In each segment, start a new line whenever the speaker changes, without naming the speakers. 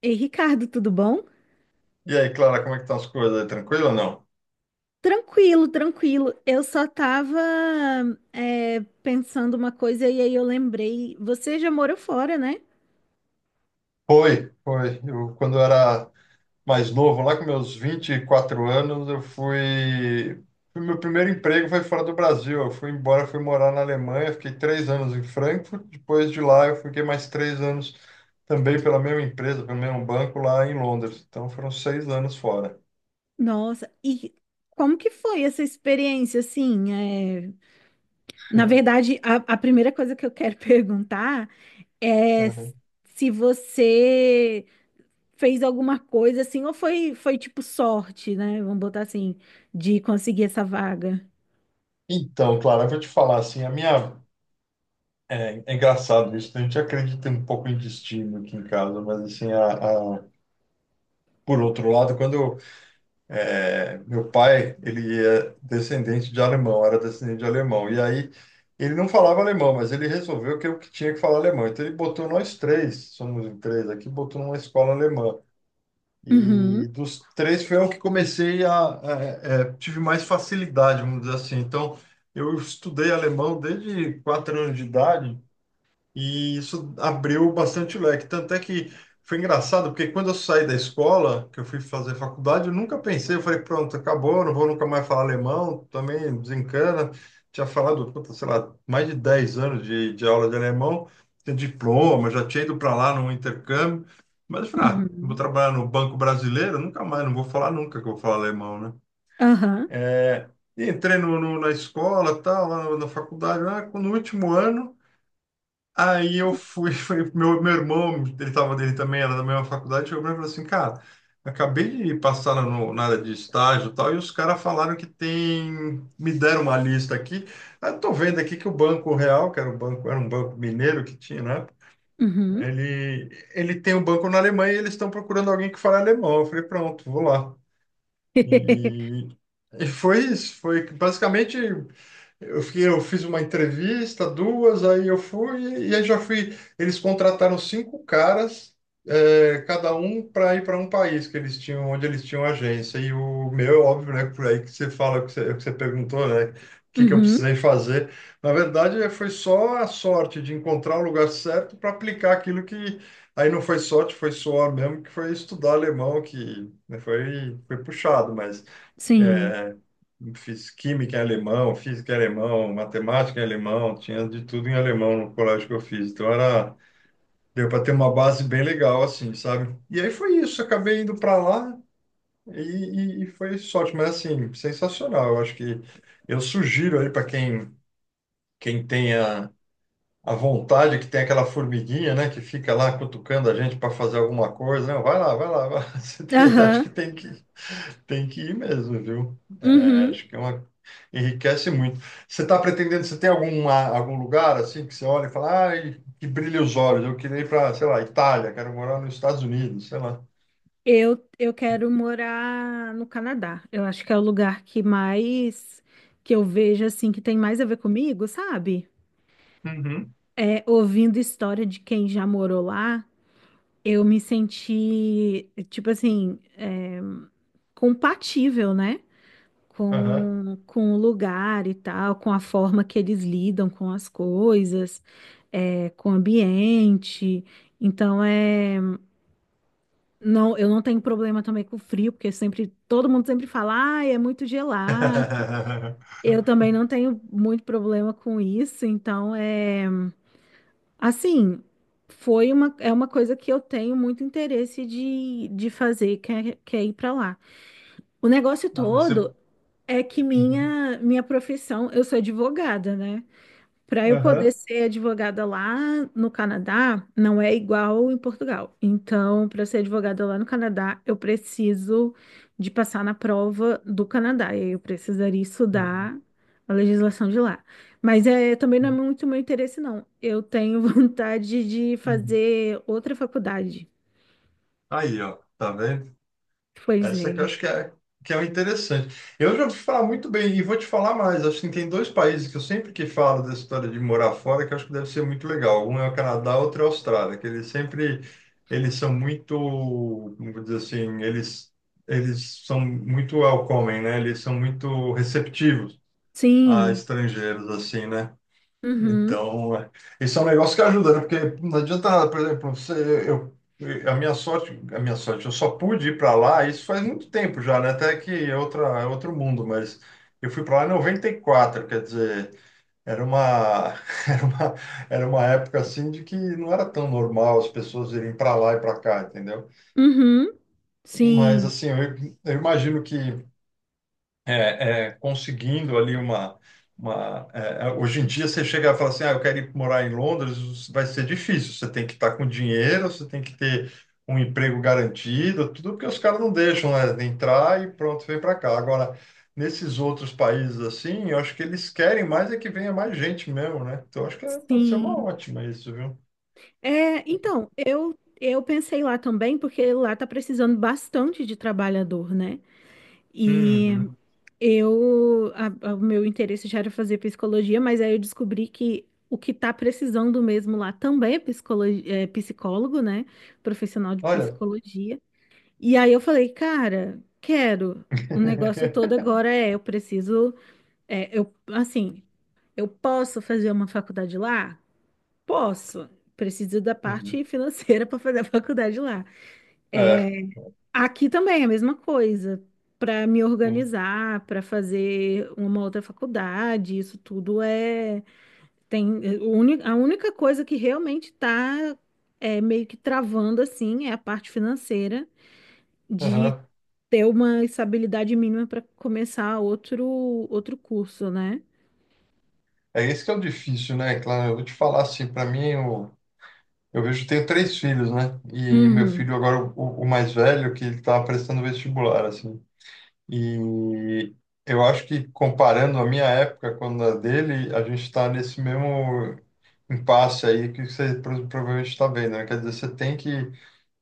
Ei, Ricardo, tudo bom?
E aí, Clara, como é que estão as coisas? Aí? Tranquilo ou não?
Tranquilo, tranquilo. Eu só tava pensando uma coisa e aí eu lembrei. Você já morou fora, né?
Foi, foi. Eu, quando eu era mais novo, lá com meus 24 anos, eu fui. Meu primeiro emprego foi fora do Brasil. Eu fui embora, fui morar na Alemanha, fiquei 3 anos em Frankfurt. Depois de lá, eu fiquei mais 3 anos também pela mesma empresa, pelo mesmo banco lá em Londres. Então, foram 6 anos fora.
Nossa, e como que foi essa experiência, assim? Na
Hum.
verdade, a primeira coisa que eu quero perguntar é
Uhum.
se você fez alguma coisa, assim, ou foi tipo sorte, né? Vamos botar assim, de conseguir essa vaga.
Então, Clara, eu vou te falar assim, a minha. É, é engraçado isso, a gente acredita um pouco em destino aqui em casa, mas assim. Por outro lado, quando meu pai, ele é descendente de alemão, era descendente de alemão, e aí ele não falava alemão, mas ele resolveu que eu que tinha que falar alemão. Então ele botou nós três, somos em três aqui, botou numa escola alemã.
Uhum,
E dos três foi eu que comecei a, tive mais facilidade, vamos dizer assim. Então eu estudei alemão desde 4 anos de idade e isso abriu bastante o leque. Tanto é que foi engraçado, porque quando eu saí da escola, que eu fui fazer faculdade, eu nunca pensei, eu falei, pronto, acabou, não vou nunca mais falar alemão, também desencana. Tinha falado, puta, sei lá, mais de 10 anos de aula de alemão, tinha diploma, já tinha ido para lá num intercâmbio. Mas eu falei, ah, vou
uhum,
trabalhar no Banco Brasileiro, nunca mais, não vou falar nunca que eu vou falar alemão, né?
aham,
É, e entrei na escola, tal, lá na faculdade, lá, no último ano. Aí eu fui, meu irmão, ele tava dele também, era da mesma faculdade, chegou pra mim e falou assim, cara, acabei de passar no, na área de estágio e tal, e os caras falaram que tem, me deram uma lista aqui. Aí eu tô vendo aqui que o Banco Real, que era um banco mineiro que tinha, né?
uhum.
Ele, ele tem um banco na Alemanha e eles estão procurando alguém que fale alemão. Eu falei, pronto, vou lá. E, e foi isso, foi basicamente eu fiquei, eu fiz uma entrevista, duas, aí eu fui, e aí já fui. Eles contrataram cinco caras, cada um para ir para um país que eles tinham, onde eles tinham agência. E o meu, óbvio, né? Por aí que você fala, que você perguntou, né? O que que eu
Uhum,
precisei fazer. Na verdade, foi só a sorte de encontrar o lugar certo para aplicar aquilo que. Aí não foi sorte, foi suor mesmo, que foi estudar alemão, que né, foi puxado, mas.
sim.
É, fiz química em alemão, física em alemão, matemática em alemão, tinha de tudo em alemão no colégio que eu fiz. Então era, deu para ter uma base bem legal, assim, sabe? E aí foi isso, acabei indo para lá e foi sorte, mas assim, sensacional. Eu acho que eu sugiro aí para quem tenha a vontade, que tem aquela formiguinha, né, que fica lá cutucando a gente para fazer alguma coisa, não, vai lá, vai lá, vai lá. Acho que
Aham.
tem que ir mesmo, viu? É,
Uhum.
acho que é uma. Enriquece muito. Você está pretendendo, você tem alguma, algum lugar assim que você olha e fala, ai, que brilha os olhos, eu queria ir para, sei lá, Itália, quero morar nos Estados Unidos, sei lá.
Eu quero morar no Canadá. Eu acho que é o lugar que mais que eu vejo assim que tem mais a ver comigo, sabe?
Uhum.
Ouvindo história de quem já morou lá, eu me senti tipo assim, compatível, né?
Aham.
Com o lugar e tal, com a forma que eles lidam com as coisas, com o ambiente. Então é. Não, eu não tenho problema também com frio, porque sempre todo mundo sempre fala, ah, é muito gelado. Eu também não tenho muito problema com isso, então é assim, foi uma é uma coisa que eu tenho muito interesse de fazer, que é ir para lá. O negócio
Ah, mas você.
todo é que
Uhum.
minha profissão, eu sou advogada, né? Para eu poder
Aham.
ser advogada lá no Canadá, não é igual em Portugal. Então, para ser advogada lá no Canadá, eu preciso de passar na prova do Canadá. E aí eu precisaria
Aham.
estudar a legislação de lá. Mas também não é muito meu interesse, não. Eu tenho vontade de
Uhum.
fazer outra faculdade.
Aí, ó, tá vendo?
Pois
Essa que
é.
eu acho que é o interessante. Eu já ouvi falar muito bem, e vou te falar mais. Acho que tem dois países que eu sempre que falo dessa história de morar fora, que eu acho que deve ser muito legal. Um é o Canadá, outro é a Austrália, que eles sempre, eles são muito, como vou dizer assim, eles são muito welcoming, né? Eles são muito receptivos a
Sim.
estrangeiros, assim, né?
Uhum.
Então, esse é um negócio que ajuda, né? Porque não adianta nada, por exemplo, você, eu, a minha sorte, eu só pude ir para lá, isso faz muito tempo já, né? Até que é outra, é outro mundo, mas eu fui para lá em noventa e quatro, quer dizer, era uma, era uma, era uma época assim de que não era tão normal as pessoas irem para lá e para cá, entendeu?
Uhum.
Mas
Sim.
assim, eu imagino que conseguindo ali uma hoje em dia você chega e fala assim, ah, eu quero ir morar em Londres, vai ser difícil. Você tem que estar com dinheiro, você tem que ter um emprego garantido, tudo porque os caras não deixam, né? Entrar e pronto, vem para cá. Agora, nesses outros países assim, eu acho que eles querem mais é que venha mais gente mesmo, né? Então, eu acho que pode ser uma
Sim.
ótima isso, viu?
É, então, eu pensei lá também, porque lá tá precisando bastante de trabalhador, né? E
Uhum.
eu, o meu interesse já era fazer psicologia, mas aí eu descobri que o que tá precisando mesmo lá também é psicólogo, né? Profissional de
Olha.
psicologia. E aí eu falei, cara, quero. O negócio todo agora é, eu preciso, eu, assim, eu posso fazer uma faculdade lá? Posso. Preciso da
Uhum.
parte financeira para fazer a faculdade lá.
É.
É, aqui também é a mesma coisa. Para me
Sim.
organizar, para fazer uma outra faculdade, isso tudo é tem, a única coisa que realmente está meio que travando assim é a parte financeira de
Aham.
ter uma estabilidade mínima para começar outro curso, né?
É esse que é o difícil, né? Claro, eu vou te falar assim, para mim, eu vejo, tenho três filhos, né? E meu
Uhum,
filho agora, o mais velho, que ele tá prestando vestibular, assim. E eu acho que comparando a minha época com a dele, a gente está nesse mesmo impasse aí que você provavelmente está vendo, né? Quer dizer, você tem que,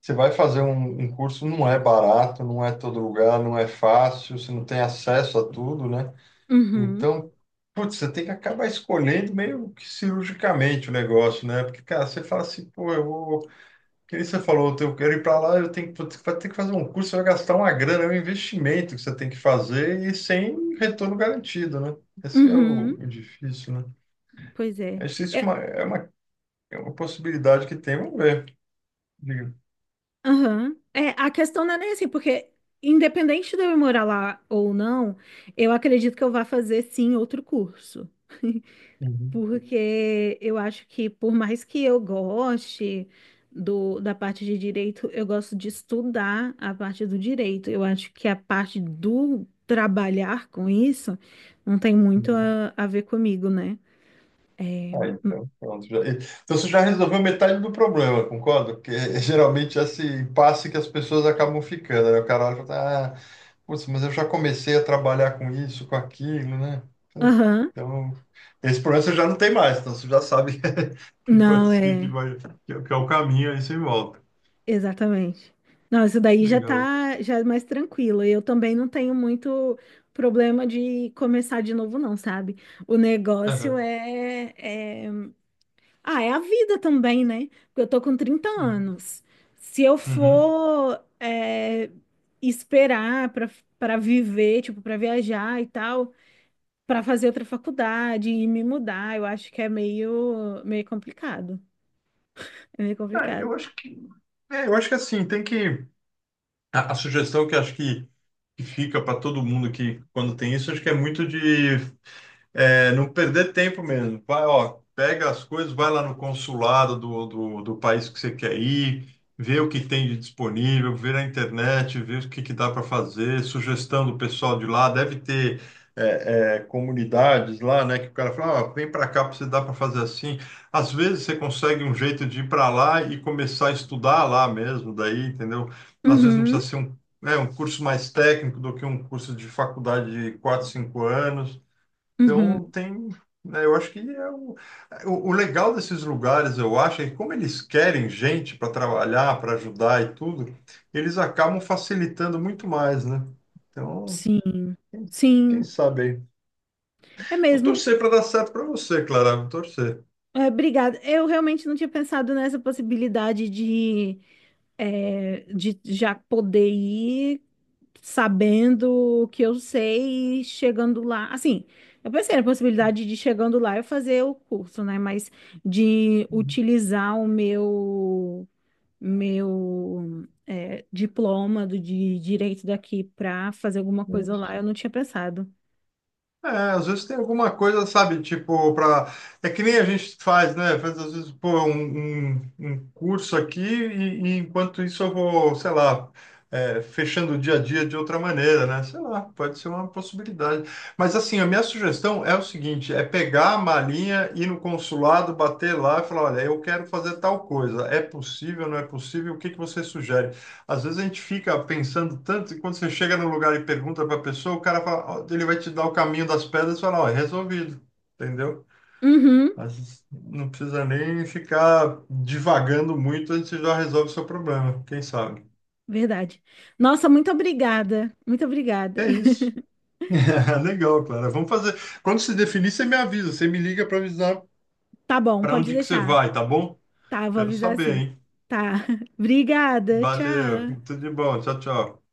você vai fazer um curso, não é barato, não é todo lugar, não é fácil, você não tem acesso a tudo, né?
uhum,
Então, putz, você tem que acabar escolhendo meio que cirurgicamente o negócio, né? Porque, cara, você fala assim, pô, eu vou. Que nem você falou, eu quero ir para lá, eu tenho que, putz, vai ter que fazer um curso, você vai gastar uma grana, é um investimento que você tem que fazer e sem retorno garantido, né? Esse que é o,
uhum.
o difícil, né?
Pois é.
Acho que isso é
É.
uma, é uma possibilidade que tem, vamos ver. Diga.
Aham. É, a questão não é nem assim, porque independente de eu ir morar lá ou não, eu acredito que eu vá fazer sim outro curso. Porque eu acho que por mais que eu goste do, da parte de direito, eu gosto de estudar a parte do direito. Eu acho que a parte do trabalhar com isso não tem muito
Uhum.
a ver comigo, né? É.
Ah, então, pronto. Então você já resolveu metade do problema, concordo? Porque geralmente esse impasse que as pessoas acabam ficando, né? O cara olha e fala, ah, putz, mas eu já comecei a trabalhar com isso, com aquilo, né?
Aham.
Então, esse problema você já não tem mais, então você já sabe
Não,
que
é.
vai, que é o caminho, aí você volta.
Exatamente. Não, isso daí já
Legal.
tá já é mais tranquilo. Eu também não tenho muito problema de começar de novo, não, sabe? O negócio
Aham.
é... Ah, é a vida também, né? porque eu tô com trinta
Uhum.
anos. Se eu
Uhum.
for esperar para para viver, tipo, para viajar e tal, para fazer outra faculdade e me mudar, eu acho que é meio complicado. É meio
É,
complicado.
eu acho que, eu acho que assim, tem que. A sugestão que acho que fica para todo mundo que quando tem isso, acho que é muito de. É, não perder tempo mesmo. Vai, ó, pega as coisas, vai lá no consulado do país que você quer ir, vê o que tem de disponível, vê na internet, vê o que dá para fazer, sugestão do pessoal de lá. Deve ter comunidades lá, né, que o cara fala, ó, vem para cá para você dar para fazer assim. Às vezes você consegue um jeito de ir para lá e começar a estudar lá mesmo, daí, entendeu? Às vezes não precisa
Uhum,
ser um curso mais técnico do que um curso de faculdade de 4 5 anos. Então
uhum.
tem, né, eu acho que é o legal desses lugares, eu acho, é que como eles querem gente para trabalhar, para ajudar e tudo, eles acabam facilitando muito mais, né? Então,
Sim,
quem, quem
sim,
sabe aí.
é
Vou
mesmo.
torcer para dar certo para você, Clara, vou torcer.
É, obrigada. Eu realmente não tinha pensado nessa possibilidade de já poder ir sabendo o que eu sei e chegando lá. Assim, eu pensei na possibilidade de chegando lá eu fazer o curso, né? Mas de utilizar o meu, diploma de direito daqui para fazer alguma coisa lá, eu não tinha pensado.
Às vezes tem alguma coisa, sabe, tipo, pra. É que nem a gente faz, né? Faz, às vezes, pô, um curso aqui e enquanto isso eu vou, sei lá, fechando o dia a dia de outra maneira, né? Sei lá, pode ser uma possibilidade. Mas, assim, a minha sugestão é o seguinte, é pegar a malinha, ir no consulado, bater lá e falar, olha, eu quero fazer tal coisa. É possível, não é possível? O que que você sugere? Às vezes a gente fica pensando tanto e quando você chega num lugar e pergunta para a pessoa, o cara fala, ó, ele vai te dar o caminho das pedras e fala, ó, é resolvido, entendeu?
Uhum.
Às vezes não precisa nem ficar divagando muito, a gente já resolve o seu problema, quem sabe?
Verdade. Nossa, muito obrigada. Muito obrigada.
É isso. Legal, Clara. Vamos fazer. Quando se definir, você me avisa, você me liga para avisar
Tá bom,
para
pode
onde que você
deixar.
vai, tá bom?
Tá, eu vou
Quero
avisar
saber,
assim.
hein?
Tá. Obrigada.
Valeu,
Tchau.
tudo de bom. Tchau, tchau.